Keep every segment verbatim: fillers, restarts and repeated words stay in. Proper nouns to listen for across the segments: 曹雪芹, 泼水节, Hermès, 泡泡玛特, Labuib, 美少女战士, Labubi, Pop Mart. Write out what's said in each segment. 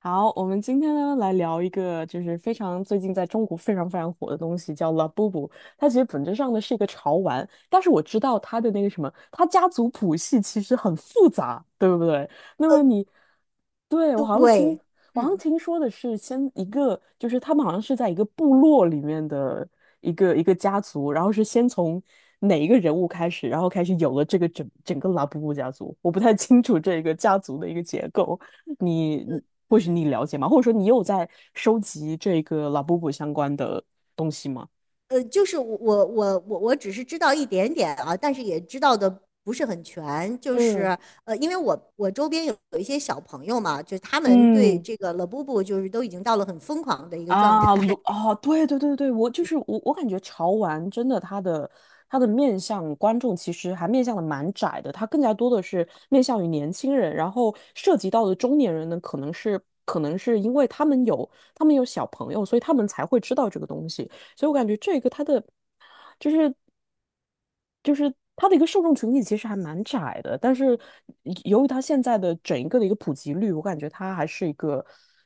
好，我们今天呢来聊一个就是非常最近在中国非常非常火的东西，叫 Labubu。它其实本质上呢是一个潮玩，但是我知道它的那个什么，它家族谱系其实很复杂，对不对？那么呃，你，对，我好像听对，我好像听说的是，先一个就是他们好像是在一个部落里面的一个一个家族，然后是先从哪一个人物开始，然后开始有了这个整整个拉布布家族。我不太清楚这个家族的一个结构，你你或许你了解吗？或者说你有在收集这个拉布布相关的东西吗？呃，就是我我我我我只是知道一点点啊，但是也知道的不是很全，就是嗯呃，因为我我周边有有一些小朋友嘛，就是他们对嗯，这个 l a b u b 就是都已经到了很疯狂的一个状啊，态。鲁啊，对对对对，我就是我，我感觉潮玩真的它的它的面向观众其实还面向的蛮窄的，它更加多的是面向于年轻人，然后涉及到的中年人呢，可能是可能是因为他们有他们有小朋友，所以他们才会知道这个东西，所以我感觉这个它的。就是就是它的一个受众群体其实还蛮窄的，但是由于它现在的整一个的一个普及率，我感觉它还是一个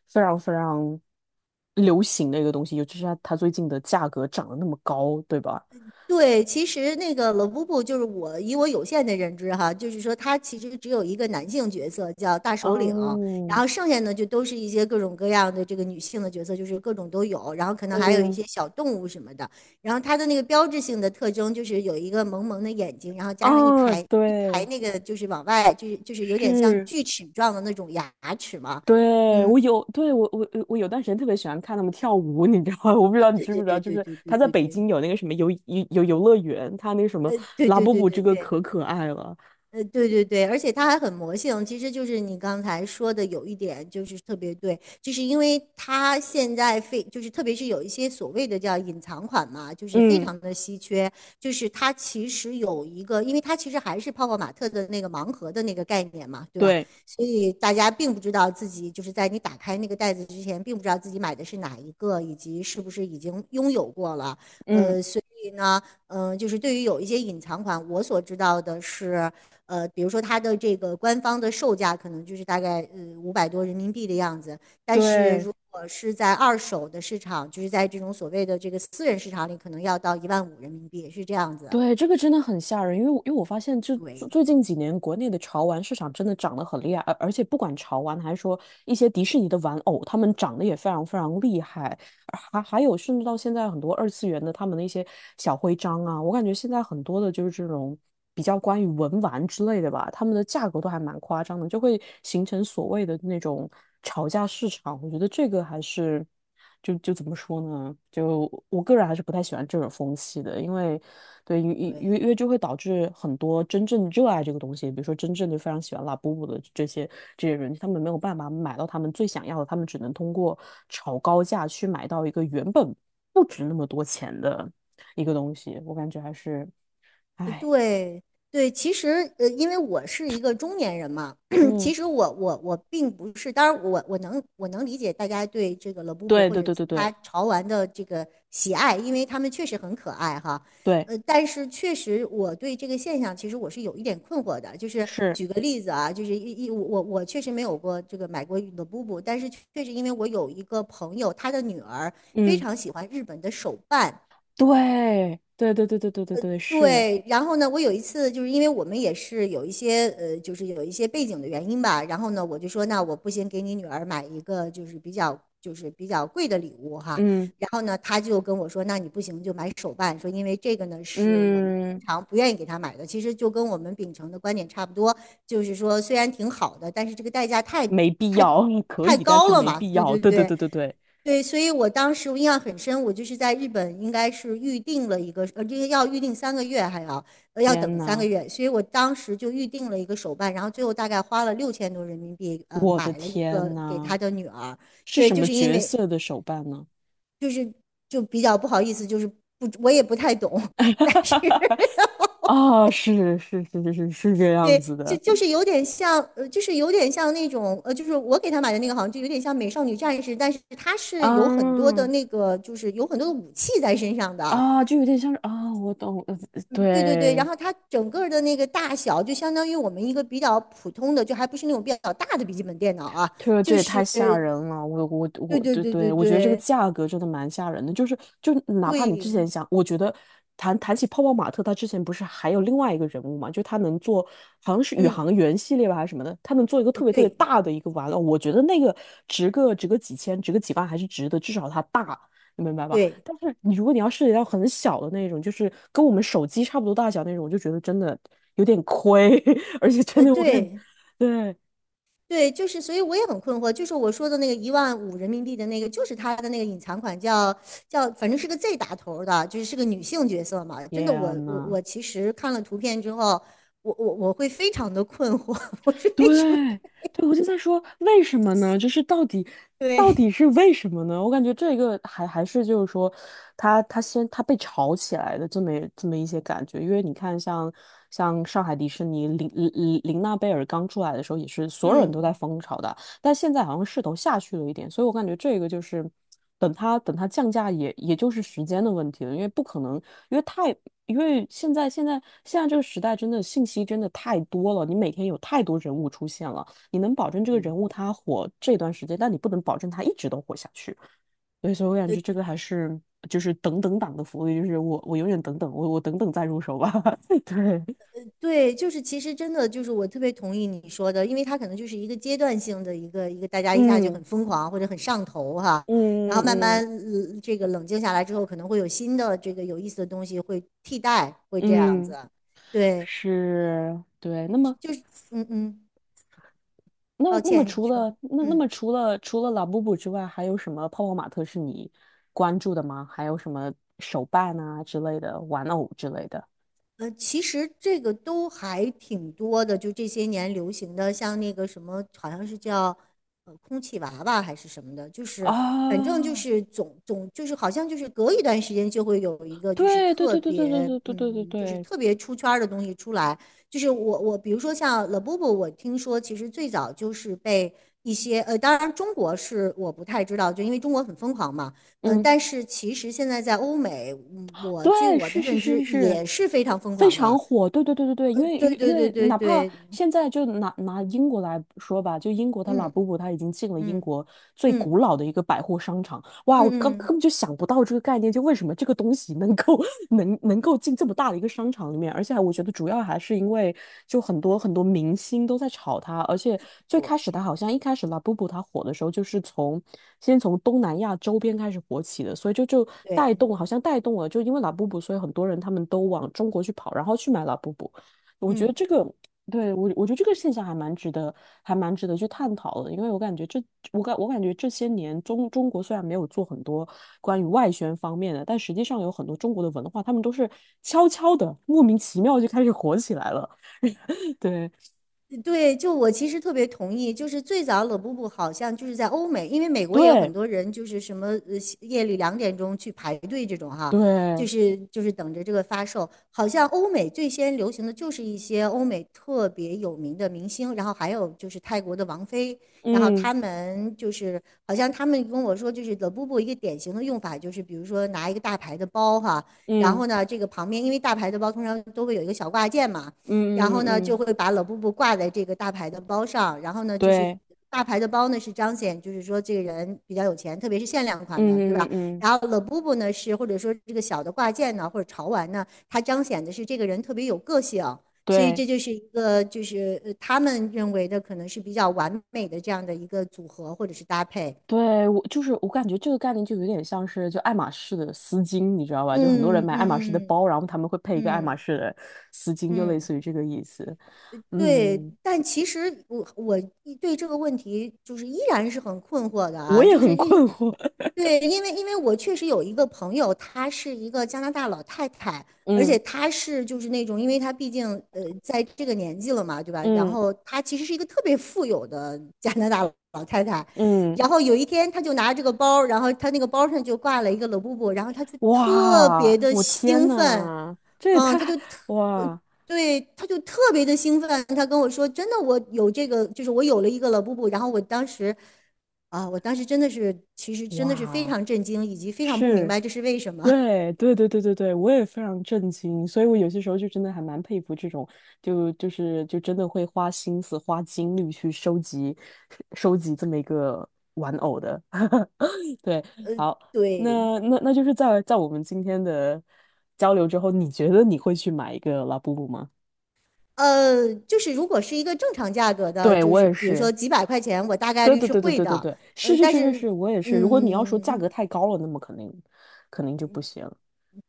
非常非常流行的一个东西，尤其是它它最近的价格涨得那么高，对吧？对，其实那个冷布布，就是我以我有限的认知哈，就是说他其实只有一个男性角色叫大首领，然嗯后剩下呢就都是一些各种各样的这个女性的角色，就是各种都有，然后可能还有一嗯些小动物什么的。然后它的那个标志性的特征就是有一个萌萌的眼睛，然后加上一啊，排一排对，那个就是往外，就是就是有点像是。锯齿状的那种牙齿嘛。对，我有，对，我我我有段时间特别喜欢看他们跳舞，你知道吗？我不知道 你对知不对知道，对就对是对他在对北对京有那个什么游游游游乐园，他那什么对对拉对布对布这对对个对。可可爱了，呃，对对对，而且它还很魔性，其实就是你刚才说的有一点就是特别对，就是因为它现在非就是特别是有一些所谓的叫隐藏款嘛，就是非嗯，常的稀缺，就是它其实有一个，因为它其实还是泡泡玛特的那个盲盒的那个概念嘛，对吧？对，所以大家并不知道自己就是在你打开那个袋子之前，并不知道自己买的是哪一个，以及是不是已经拥有过了，嗯，呃，所以呢。嗯，呃就是对于有一些隐藏款，我所知道的是，呃，比如说它的这个官方的售价可能就是大概呃五百多人民币的样子，但是对，如果是在二手的市场，就是在这种所谓的这个私人市场里，可能要到一万五人民币，是这样子。对，这个真的很吓人，因为我因为我发现就，对最最近几年国内的潮玩市场真的涨得很厉害，而而且不管潮玩还是说一些迪士尼的玩偶，他们涨得也非常非常厉害，还还有甚至到现在很多二次元的他们的一些小徽章啊，我感觉现在很多的就是这种比较关于文玩之类的吧，他们的价格都还蛮夸张的，就会形成所谓的那种吵价市场，我觉得这个还是就就怎么说呢？嗯，就我个人还是不太喜欢这种风气的，因为对，因为因为对。因为就会导致很多真正热爱这个东西，比如说真正的非常喜欢拉布布的这些这些人，他们没有办法买到他们最想要的，他们只能通过炒高价去买到一个原本不值那么多钱的一个东西，我感觉还是，呃哎，对对，其实呃，因为我是一个中年人嘛，其嗯，实我我我并不是，当然我我能我能理解大家对这个 l 布布对或对者对其对他对潮玩的这个喜爱，因为他们确实很可爱哈。对，呃，但是确实我对这个现象其实我是有一点困惑的，就是是，举个例子啊，就是一一我我我确实没有过这个买过 l 布布，但是确实因为我有一个朋友，他的女儿非嗯，常喜欢日本的手办。对对对对对对对对是，对，然后呢，我有一次就是因为我们也是有一些呃，就是有一些背景的原因吧，然后呢，我就说那我不行，给你女儿买一个就是比较就是比较贵的礼物哈，嗯然后呢，她就跟我说，那你不行就买手办，说因为这个呢是我们通嗯。常不愿意给她买的，其实就跟我们秉承的观点差不多，就是说虽然挺好的，但是这个代价太没必太要，可太以，但高是了没嘛，必对要。对对对对。对对对，对，所以我当时我印象很深，我就是在日本，应该是预定了一个，呃，这个要预定三个月，还要呃要等天三个呐，月，所以我当时就预定了一个手办，然后最后大概花了六千多人民币，呃，我的买了一个天给呐，他的女儿。是对，什就么是因角为色的手办呢？就比较不好意思，就是不，我也不太懂，但是 啊，是是是是是是这样对，子就的，就是有点像，呃，就是有点像那种，呃，就是我给他买的那个，好像就有点像美少女战士，但是他是有很多啊的那个，就是有很多的武器在身上的。啊，就有点像是啊，我懂，呃嗯对对对，然对，后它整个的那个大小就相当于我们一个比较普通的，就还不是那种比较大的笔记本电脑啊，这个这就也是太吓对人了，我我对我，对对对，对我觉得这个对价格真的蛮吓人的，就是就哪怕你对，之前想，我觉得谈谈起泡泡玛特，他之前不是还有另外一个人物嘛，就他能做好像是宇嗯，航员系列吧还是什么的，他能做一个呃特别特别对大的一个玩偶，我觉得那个值个值个几千，值个几万还是值得，至少它大，你明白吧？对，但是你如果你要涉及到很小的那种，就是跟我们手机差不多大小那种，我就觉得真的有点亏，而且真呃的我感觉，对 对，对，就是所以我也很困惑，就是我说的那个一万五人民币的那个，就是它的那个隐藏款叫叫，反正是个 Z 打头儿的，就是是个女性角色嘛，真的我天我呐。我其实看了图片之后，我我我会非常的困惑，我是为什么。对，对，我就在说为什么呢？就是到底，到底对。是为什么呢？我感觉这个还还是就是说他，他先他被炒起来的这么这么一些感觉，因为你看像像上海迪士尼林林林娜贝尔刚出来的时候，也是所有人都在嗯。疯炒的。但现在好像势头下去了一点，所以我感觉这个就是等它等它降价也也就是时间的问题了，因为不可能，因为太因为现在现在现在这个时代真的信息真的太多了，你每天有太多人物出现了，你能保证这个嗯，人物他火这段时间，但你不能保证他一直都火下去。对，所以我感觉这个还是就是等等党的福利，就是我我永远等等，我我等等再入手吧。对，对，就是其实真的就是我特别同意你说的，因为它可能就是一个阶段性的一个一个，大家一下就嗯很疯狂或者很上头哈，然后嗯慢慢嗯呃这个冷静下来之后，可能会有新的这个有意思的东西会替代，会这样子。嗯，对，是，对。那么就是嗯嗯，那抱那么歉，你除说。了那那嗯。么除了除了拉布布之外，还有什么泡泡玛特是你关注的吗？还有什么手办啊之类的，玩偶之类的？呃，其实这个都还挺多的，就这些年流行的，像那个什么，好像是叫呃空气娃娃还是什么的，就是啊，反正就是总总就是好像就是隔一段时间就会有一个就是对对特对对对别对对对对对嗯就是对，特别出圈儿的东西出来，就是我我比如说像 Labubu,我听说其实最早就是被一些呃，当然中国是我不太知道，就因为中国很疯狂嘛。嗯，嗯，但是其实现在在欧美，嗯我据对，我是的是认是知是是也是非常疯非狂常的。火，对对对对对，因为因对为因对为对对哪怕对，现在就拿拿英国来说吧，就英国它拉嗯布布它已经进了英嗯国最古嗯老的一个百货商场，哇，我刚嗯根嗯，本就想不到这个概念，就为什么这个东西能够 能能够进这么大的一个商场里面，而且我觉得主要还是因为就很多很多明星都在炒它，而且最开始对它好像一开始 Labubu 它火的时候，就是从先从东南亚周边开始火起的，所以就就带对，动好像带动了，就因为 Labubu，所以很多人他们都往中国去跑，然后去买 Labubu。我觉得嗯。这个。对，我我觉得这个现象还蛮值得，还蛮值得去探讨的，因为我感觉这，我感我感觉这些年中中国虽然没有做很多关于外宣方面的，但实际上有很多中国的文化，他们都是悄悄的、莫名其妙就开始火起来了。对，对，就我其实特别同意，就是最早冷布布好像就是在欧美，因为美国也有很对，多人就是什么呃夜里两点钟去排队这种哈，就对，是就是等着这个发售。好像欧美最先流行的就是一些欧美特别有名的明星，然后还有就是泰国的王菲，然后嗯他们就是好像他们跟我说，就是冷布布一个典型的用法就是比如说拿一个大牌的包哈，然嗯后呢这个旁边因为大牌的包通常都会有一个小挂件嘛。然嗯嗯后呢嗯，就嗯会把冷布布挂在这个大牌的包上，然后呢就是对，大牌的包呢是彰显就是说这个人比较有钱，特别是限量款嗯的，对嗯吧？嗯，嗯然后冷布布呢是或者说这个小的挂件呢或者潮玩呢，它彰显的是这个人特别有个性。所以对。这就是一个，就是呃，他们认为的可能是比较完美的这样的一个组合或者是搭配。对，我就是我感觉这个概念就有点像是就爱马仕的丝巾，你知道吧？就很多人嗯买爱马仕的嗯嗯包，然后他们会配一个爱马嗯仕的丝巾，就类嗯。似于这个意思。对，嗯，但其实我我一对这个问题就是依然是很困惑的我啊，也就是很因困惑。对，因为因为我确实有一个朋友，她是一个加拿大老太太，而嗯且她是就是那种，因为她毕竟呃在这个年纪了嘛，对吧？然嗯后她其实是一个特别富有的 加拿大老太太，嗯，然后有一天她就拿这个包，然后她那个包上就挂了一个 l 布布，然后她就特哇，别的我天兴奋，呐，这也嗯，太她就特。呃哇对，他就特别的兴奋，他跟我说："真的，我有这个，就是我有了一个了布布。"然后我当时，啊，我当时真的是，其实真的是非哇常震惊，以及非常不明是。白这是为什么。对对对对对对，我也非常震惊，所以我有些时候就真的还蛮佩服这种，就就是就真的会花心思、花精力去收集、收集这么一个玩偶的。对，好，对，那那那就是在在我们今天的交流之后，你觉得你会去买一个拉布布吗？呃，就是如果是一个正常价格的，对，就我是也比如是，说几百块钱，我大概对率对是对对会对对的。对，是嗯，是但是是是，是，我也是。如果你要说价嗯，格太高了，那么肯定肯定就不行。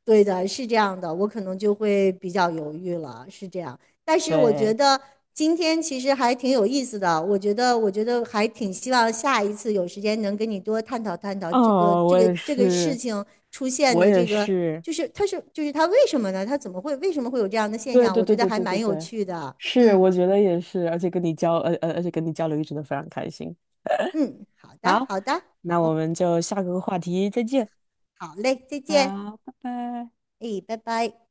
对的，是这样的，我可能就会比较犹豫了，是这样。但是我觉对，得今天其实还挺有意思的，我觉得，我觉得还挺希望下一次有时间能跟你多探讨探讨这个哦，这我个也这个事是，情出现我的也这个，是。就是它是就是它为什么呢？它怎么会为什么会有这样的现对象？对我对觉得对还对对蛮有对，趣的。是，嗯我觉得也是，而且跟你交，呃呃，而且跟你交流一直都非常开心。嗯，好的好，好的，那我好。们就下个话题再见。好嘞，再见，好，拜拜。哎，拜拜。